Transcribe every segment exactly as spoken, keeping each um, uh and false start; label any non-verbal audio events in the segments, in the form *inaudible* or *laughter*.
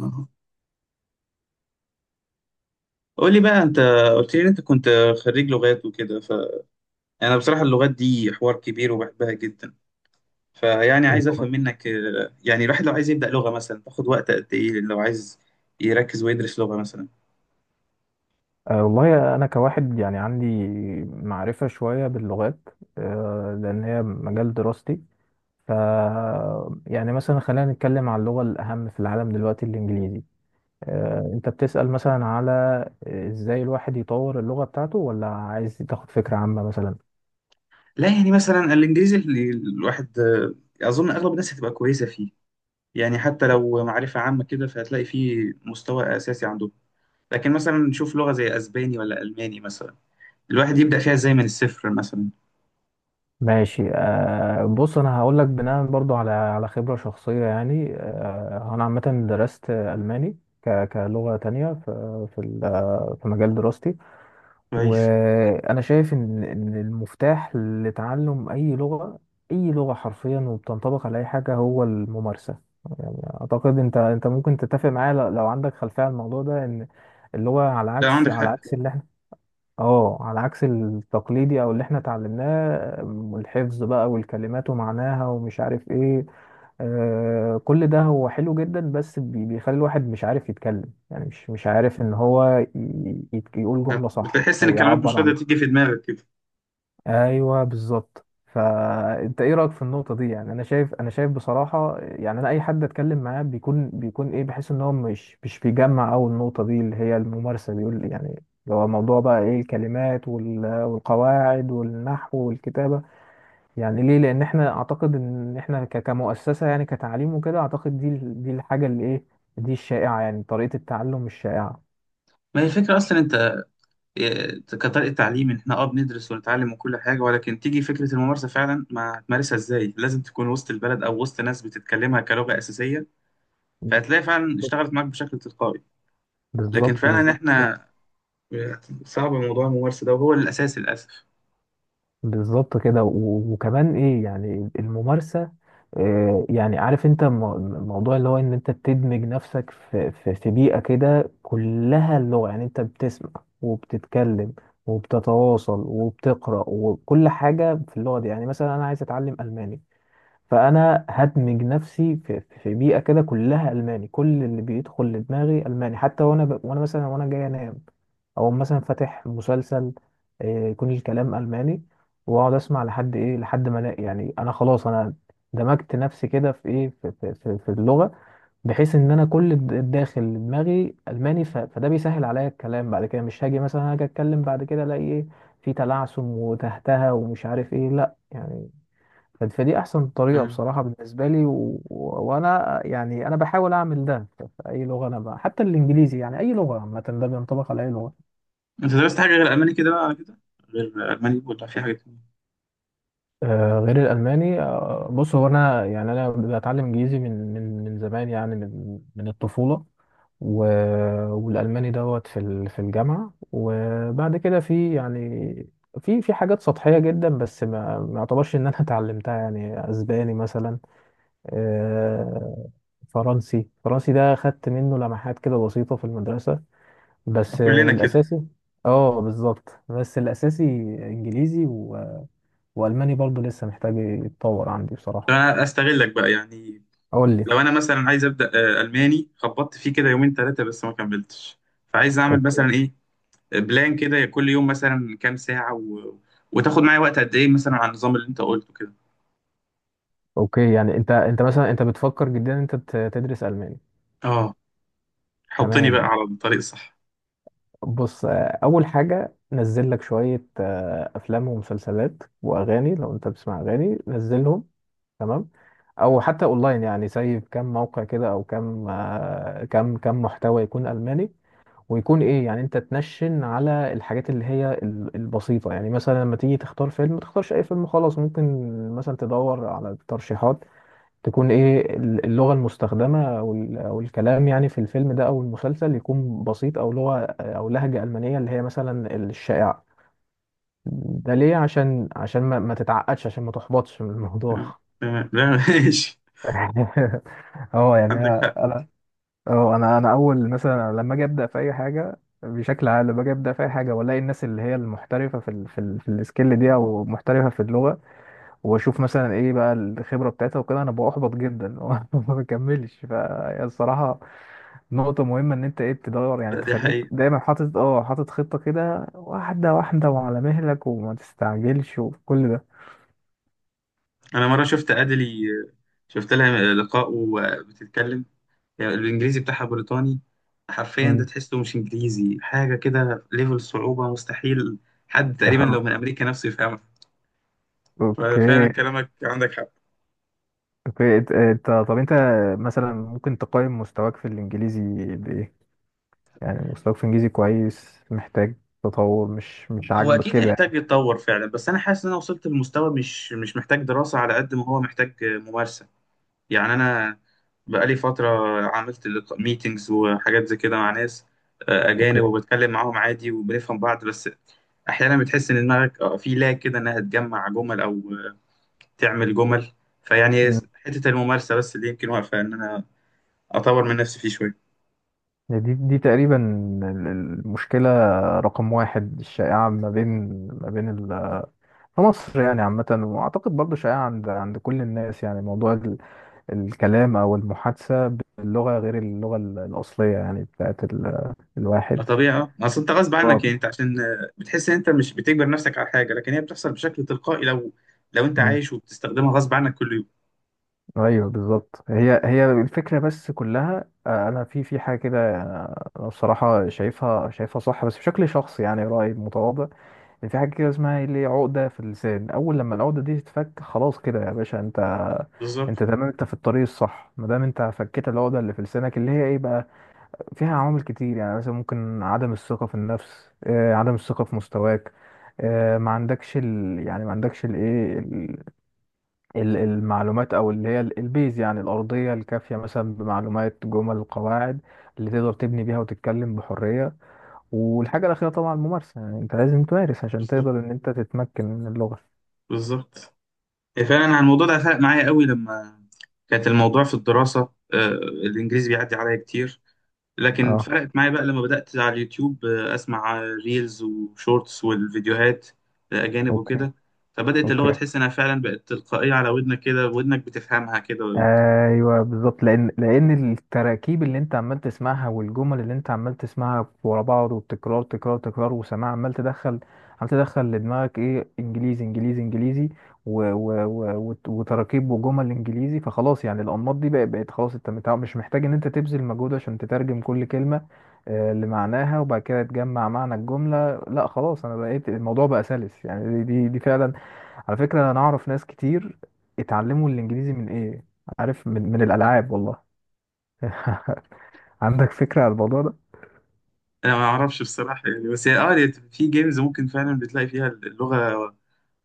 آه. قول لي بقى انت قلت لي إن انت كنت خريج لغات وكده فانا بصراحه اللغات دي حوار كبير وبحبها جدا. فيعني عايز افهم اللغات. منك آه، يعني الواحد لو عايز يبدا لغه مثلا تاخد وقت قد ايه لو عايز يركز ويدرس لغه مثلا. أه والله أنا كواحد يعني عندي معرفة شوية باللغات، أه لأن هي مجال دراستي. ف يعني مثلا خلينا نتكلم عن اللغة الأهم في العالم دلوقتي، الإنجليزي. أه أنت بتسأل مثلا على، آه، إزاي الواحد يطور اللغة بتاعته، ولا عايز تاخد فكرة عامة مثلا؟ لا يعني مثلا الانجليزي اللي الواحد آه، اظن اغلب الناس هتبقى كويسه فيه. يعني حتى لو معرفه عامه كده فهتلاقي فيه مستوى اساسي عندهم. لكن مثلا نشوف لغه زي اسباني ولا الماني مثلا، الواحد يبدا فيها ازاي من الصفر مثلا. ماشي. أه بص، أنا هقول لك بناء برضو على على خبرة شخصية. يعني أه أنا عامة درست ألماني ك- كلغة تانية في في ال- في مجال دراستي. كويس. وانا شايف ان ان المفتاح لتعلم اي لغه، اي لغه حرفيا، وبتنطبق على اي حاجه، هو الممارسه. يعني اعتقد انت انت ممكن تتفق معايا، ل- لو عندك خلفيه عن الموضوع ده، ان اللغه على لا عندك عكس على حق. عكس اللي احنا اه على عكس التقليدي، او اللي احنا اتعلمناه، م، الحفظ بقى، والكلمات ومعناها، ومش عارف ايه. آه كل ده هو حلو جدا، بس بي- بيخلي الواحد مش عارف يتكلم، يعني مش مش عارف ان هو ي- يت- يقول جملة صح بتحس ان او الكلمات مش يعبر قادره عن. تيجي في دماغك كده. ايوه بالظبط. فانت ايه رايك في النقطه دي؟ يعني انا شايف انا شايف بصراحه، يعني انا اي حد اتكلم معاه بيكون بيكون ايه، بحس ان هو مش مش بيجمع، او النقطه دي اللي هي الممارسه، بيقول يعني اللي هو موضوع بقى ايه، الكلمات وال- والقواعد والنحو والكتابه. يعني ليه؟ لان احنا اعتقد ان احنا ك- كمؤسسه، يعني كتعليم وكده، اعتقد دي ال- دي الحاجه اللي ايه، دي الشائعه، يعني طريقه التعلم الشائعه. ما هي الفكره اصلا انت إيه، كطريقه تعليم إن احنا اه بندرس ونتعلم وكل حاجه، ولكن تيجي فكره الممارسه فعلا ما هتمارسها ازاي. لازم تكون وسط البلد او وسط ناس بتتكلمها كلغه اساسيه، فهتلاقي فعلا اشتغلت معاك بشكل تلقائي. لكن بالظبط، فعلا بالظبط، بالظبط. احنا إيه، صعب موضوع الممارسه ده وهو الاساس للاسف. بالظبط كده. و- وكمان ايه يعني الممارسة. آه، يعني عارف انت، مو- موضوع اللي هو ان انت بتدمج نفسك في في في بيئة كده كلها اللغة، يعني انت بتسمع وبتتكلم وبتتواصل وبتقرأ وكل حاجة في اللغة دي. يعني مثلا انا عايز اتعلم ألماني، فانا هدمج نفسي في, في بيئه كده كلها الماني، كل اللي بيدخل لدماغي الماني، حتى وانا ب... وانا مثلا وانا جاي انام، او مثلا فاتح مسلسل، آه، يكون الكلام الماني، واقعد اسمع لحد ايه، لحد ما أنا- يعني انا خلاص انا دمجت نفسي كده في ايه، في, في, في, في اللغه، بحيث ان انا كل الد- الداخل دماغي الماني، ف... فده بيسهل عليا الكلام بعد كده. مش هاجي مثلا، هاجي اتكلم بعد كده الاقي ايه، في تلعثم وتهتها ومش عارف ايه، لا يعني. ف- فدي احسن طريقه مم. بصراحه بالنسبه لي. و... و... وانا يعني انا بحاول اعمل ده في في اي لغه انا بقى. حتى الانجليزي، يعني اي لغه عامه، ده بينطبق على اي لغه. انت درست حاجه غير الماني كده بقى على كده، غير الماني ولا في حاجه تانية؟ آه غير الالماني، آه بص، هو انا يعني انا بتعلم انجليزي من من من زمان، يعني من من الطفوله. و... والالماني دوت في ال... في الجامعه، وبعد كده في يعني في في حاجات سطحيه جدا، بس ما ما اعتبرش ان انا *laughs* اتعلمتها. يعني اسباني مثلا، آه، فرنسي، فرنسي ده خدت منه لمحات كده بسيطة في المدرسة، بس آه، كلنا كده. الأساسي. اه بالظبط، بس الأساسي إنجليزي، و... وألماني برضو لسه محتاج يتطور عندي طب بصراحة. انا استغلك بقى يعني. أقول لي. لو انا مثلا عايز ابدا آه، الماني، خبطت فيه كده يومين ثلاثه بس ما كملتش، فعايز اعمل اوكي. مثلا ايه. بلان كده كل يوم مثلا كام ساعه و... وتاخد معايا وقت قد ايه مثلا على النظام اللي انت قلته كده. اوكي يعني انت انت مثلا، انت بتفكر جدا ان انت ت- تدرس الماني. اه حطني بقى تمام. على الطريق الصح. بص، آه، اول حاجه نزل لك شويه، آه، افلام ومسلسلات واغاني، لو انت بتسمع اغاني نزلهم. تمام. او حتى اونلاين، يعني زي كم موقع كده، او كم، آه، كم كم محتوى يكون الماني. ويكون ايه يعني، انت تنشن على الحاجات اللي هي ال- البسيطه. يعني مثلا لما تيجي تختار فيلم، ما تختارش اي فيلم خلاص، ممكن مثلا تدور على ترشيحات تكون ايه ال- اللغه المستخدمه، او ال- أو الكلام يعني في الفيلم ده او المسلسل يكون بسيط، او لغه، آه، او لهجه المانيه اللي هي مثلا الشائعه. ده ليه؟ عشان عشان ما, ما تتعقدش، عشان ما تحبطش من الموضوع. آه، تمام لا *laughs* ماشي. *laughs* اه يعني عندك انا حق. انا اه انا انا اول مثلا لما اجي ابدا في اي حاجه، بشكل عام لما اجي ابدا في اي حاجه، والاقي الناس اللي هي المحترفه في ال في, ال في السكيل دي، او محترفه في اللغه، واشوف مثلا ايه بقى الخبره بتاعتها وكده، انا ببقى احبط جدا *laughs* ما بكملش. فهي الصراحه نقطه مهمه، ان انت ايه تدور يعني، لا دي تخليك حقيقة. دايما حاطط اه حاطط خطه كده، واحده واحده، وعلى مهلك، وما تستعجلش، وكل ده. انا مره شفت ادلي، شفت لها لقاء وبتتكلم. يعني الانجليزي بتاعها بريطاني، حرفيا ده مم. تحسه مش انجليزي، حاجه كده ليفل صعوبه مستحيل. حد تقريبا لو من *laughs* امريكا نفسه يفهمها. اوكي. فعلا كلامك عندك حق. اوكي. انت انت- طب انت مثلا ممكن تقيم مستواك في الانجليزي بايه؟ يعني مستواك في الانجليزي كويس، محتاج تطور، مش مش هو عاجبك اكيد كده يعني؟ يحتاج يتطور فعلا، بس انا حاسس ان انا وصلت لمستوى مش مش محتاج دراسه على قد ما هو محتاج ممارسه. يعني انا بقالي فتره عملت ميتينجز وحاجات زي كده مع ناس آه، اجانب، اوكي. وبتكلم معاهم عادي وبنفهم بعض، بس احيانا بتحس ان دماغك آه، في لا كده انها تجمع جمل او آه، تعمل جمل. فيعني مم. حته الممارسه بس اللي يمكن واقفه ان انا اطور من نفسي فيه شويه. يعني دي دي تقريبا ال- المشكله رقم واحد الشائعه ما بين، ما بين ال- في مصر يعني عامه، واعتقد برضو شائعه عند عند كل الناس. يعني موضوع ال- الكلام او المحادثه باللغه غير اللغه ال- الاصليه، يعني بتاعت ال- ما الواحد. طبيعي اه، اصل انت غصب اه عنك. يعني انت عشان آه، بتحس ان انت مش بتجبر نفسك على حاجه، لكن هي بتحصل بشكل تلقائي لو لو انت عايش وبتستخدمها غصب عنك كل يوم. ايوه بالظبط. هي هي الفكره بس كلها، آه، انا في في حاجه كده، آه، انا بصراحه شايفها شايفها صح بس بشكل شخصي، يعني رايي متواضع، ان في حاجه كده اسمها اللي هي عقده في اللسان. اول لما العقده دي تتفك، خلاص كده يا باشا، انت بالظبط انت تمام، انت في الطريق الصح ما دام انت فكيت العقده اللي في لسانك، اللي هي ايه بقى، فيها عوامل كتير. يعني مثلا ممكن عدم الثقه في النفس، آه، عدم الثقه في مستواك، آه، ما عندكش ال... يعني ما عندكش الايه ال- المعلومات، او اللي هي ال- البيز، يعني الارضيه الكافيه، مثلا بمعلومات جمل قواعد اللي تقدر تبني بيها وتتكلم بحريه. والحاجه الاخيره طبعا الممارسه، يعني انت لازم تمارس عشان بالظبط تقدر ان انت تتمكن من اللغه. بالظبط. هي فعلا انا الموضوع ده فرق معايا قوي لما كانت الموضوع في الدراسه، آه، الانجليزي بيعدي عليا كتير. لكن اه. فرقت معايا بقى لما بدات على اليوتيوب آه، اسمع ريلز وشورتس والفيديوهات آه، اجانب اوكي. وكده. فبدات اللغه اوكي. تحس انها فعلا بقت تلقائيه على ودنك كده، ودنك بتفهمها كده. ايوه بالظبط، لان لان التراكيب اللي انت عمال تسمعها، والجمل اللي انت عمال تسمعها ورا بعض، والتكرار تكرار تكرار وسماع، عمال تدخل، عمال تدخل لدماغك ايه، انجليزي انجليزي انجليزي، و و و وت- وتراكيب وجمل انجليزي. فخلاص يعني الانماط دي بقت بقت خلاص. انت متع- مش محتاج ان انت تبذل مجهود عشان تترجم كل كلمه آه، لمعناها، وبعد كده تجمع معنى الجمله. لا خلاص، انا بقيت، الموضوع بقى سلس يعني. دي دي, دي فعلا. على فكره، انا اعرف ناس كتير اتعلموا الانجليزي من ايه، عارف؟ من من الالعاب والله. *laughs* عندك فكره عن الموضوع ده؟ انا ما اعرفش بصراحه يعني، بس هي اه هي في جيمز ممكن فعلا بتلاقي فيها اللغه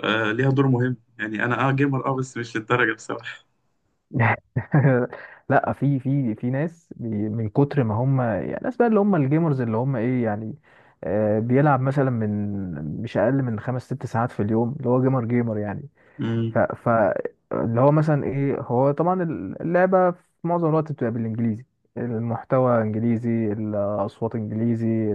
آه، ليها دور مهم. يعني انا اه جيمر اه بس مش للدرجه بصراحه. *laughs* لا، في في في ناس بي- من كتر ما هم، يعني الناس بقى اللي هم الجيمرز، اللي هم ايه يعني، آه، بيلعب مثلا من مش اقل من خمس ست ساعات في اليوم، اللي هو جيمر جيمر يعني. ف امم ف اللي هو مثلا ايه، هو طبعا اللعبه في معظم الوقت بتبقى بالانجليزي، المحتوى انجليزي، الاصوات انجليزي،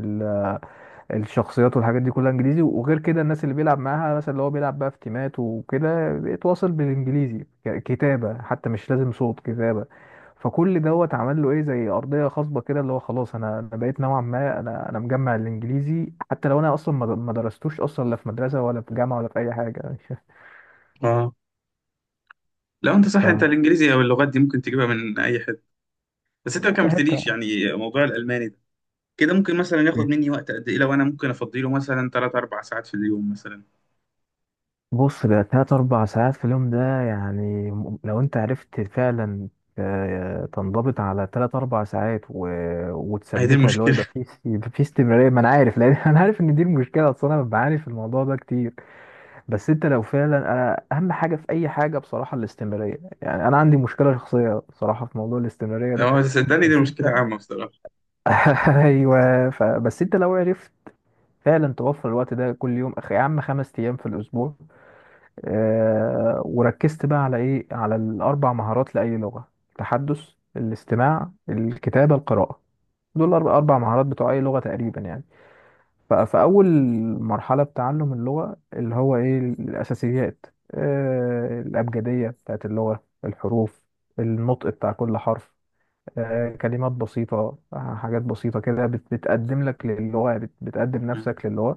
الشخصيات والحاجات دي كلها انجليزي. وغير كده الناس اللي بيلعب معاها، مثلا اللي هو بيلعب بقى في تيمات وكده، بيتواصل بالانجليزي ك- كتابة، حتى مش لازم صوت، كتابة. فكل دوت عمل له ايه زي ارضيه خصبه كده، اللي هو خلاص انا انا بقيت نوعا ما، انا انا مجمع الانجليزي، حتى لو انا اصلا ما ما درستوش اصلا، لا في مدرسه ولا في جامعه ولا في اي حاجه. اه لو انت *laughs* ف صح، انت الانجليزي او اللغات دي ممكن تجيبها من اي حته. بس انت ما لا يا حته كملتليش يعني موضوع الالماني ده. كده ممكن مثلا ياخد يعني. مني وقت قد ايه لو انا ممكن افضيله مثلا ثلاث أربع ساعات في اليوم مثلا. بص، ده تلات أربع ساعات في اليوم ده يعني، م- لو أنت عرفت فعلا، آه، تنضبط على تلات أربع ساعات و... هي دي وتثبتها، اللي هو يبقى المشكله. فيه است- يبقى فيه استمرارية. ما أنا عارف، لأن *laughs* أنا عارف إن دي المشكلة، أصل أنا بعاني في الموضوع ده كتير. بس أنت لو فعلا، أنا أهم حاجة في أي حاجة بصراحة الاستمرارية، يعني أنا عندي مشكلة شخصية بصراحة في موضوع الاستمرارية *laughs* ده. اه صدقني دي بس مشكله أنت عامه بصراحه. *laughs* أيوه. ف... بس أنت لو عرفت فعلا توفر الوقت ده كل يوم، أخ- يا عم خمس أيام في الأسبوع، آه، وركزت بقى على ايه، على الاربع مهارات لاي لغه: التحدث، الاستماع، الكتابه، القراءه. دول الأرب- اربع مهارات بتوع اي لغه تقريبا يعني. ف- فاول مرحله بتعلم اللغه اللي هو ايه، الاساسيات، آه، الابجديه بتاعت اللغه، الحروف، النطق بتاع كل حرف، آه، كلمات بسيطة، آه، حاجات بسيطة كده بت- بتقدم لك للغة، بت- بتقدم مم. نفسك للغة.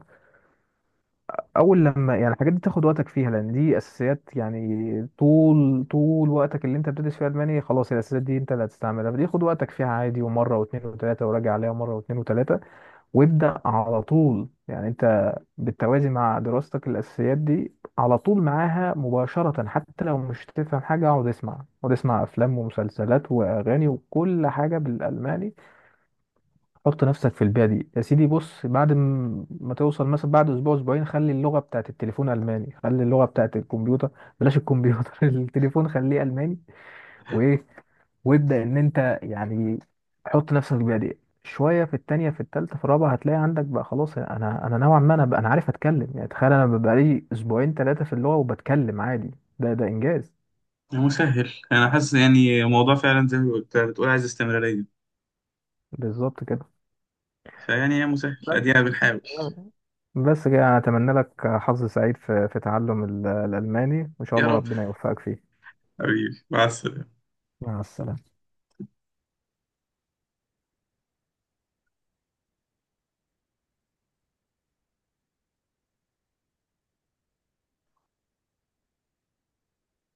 اول لما يعني الحاجات دي تاخد وقتك فيها لان دي اساسيات، يعني طول طول وقتك اللي انت بتدرس فيها الماني خلاص الاساسيات دي انت اللي هتستعملها. فدي خد وقتك فيها عادي، ومره واثنين وثلاثه، وراجع عليها مره واثنين وثلاثه. وابدا على طول يعني، انت بالتوازي مع دراستك الاساسيات دي على طول معاها مباشره، حتى لو مش تفهم حاجه. اقعد اسمع، اقعد اسمع، افلام ومسلسلات واغاني وكل حاجه بالالماني. حط نفسك في البيئة دي يا سيدي. بص بعد م- ما توصل مثلا، بعد أسبوع أسبوعين، خلي اللغة بتاعت التليفون ألماني، خلي اللغة بتاعت الكمبيوتر، بلاش الكمبيوتر *laughs* التليفون خليه ألماني. وإيه، وابدأ إن أنت يعني حط نفسك في البيئة دي. شوية في التانية، في التالتة، في الرابعة، هتلاقي عندك بقى خلاص، أنا أنا نوعا ما، أنا بقى، أنا عارف أتكلم يعني. تخيل أنا بقالي أسبوعين تلاتة في اللغة وبتكلم عادي! ده ده إنجاز. يا مسهل انا حاسس يعني موضوع فعلا زي ما قلت- بتقول عايز استمراريه. بالظبط كده. فيعني يا مسهل ادينا بنحاول. بس كده انا اتمنى لك حظ سعيد في في تعلم ال- الالماني، وان شاء يا الله رب. ربنا يوفقك فيه. حبيبي مع السلامة. مع السلامة.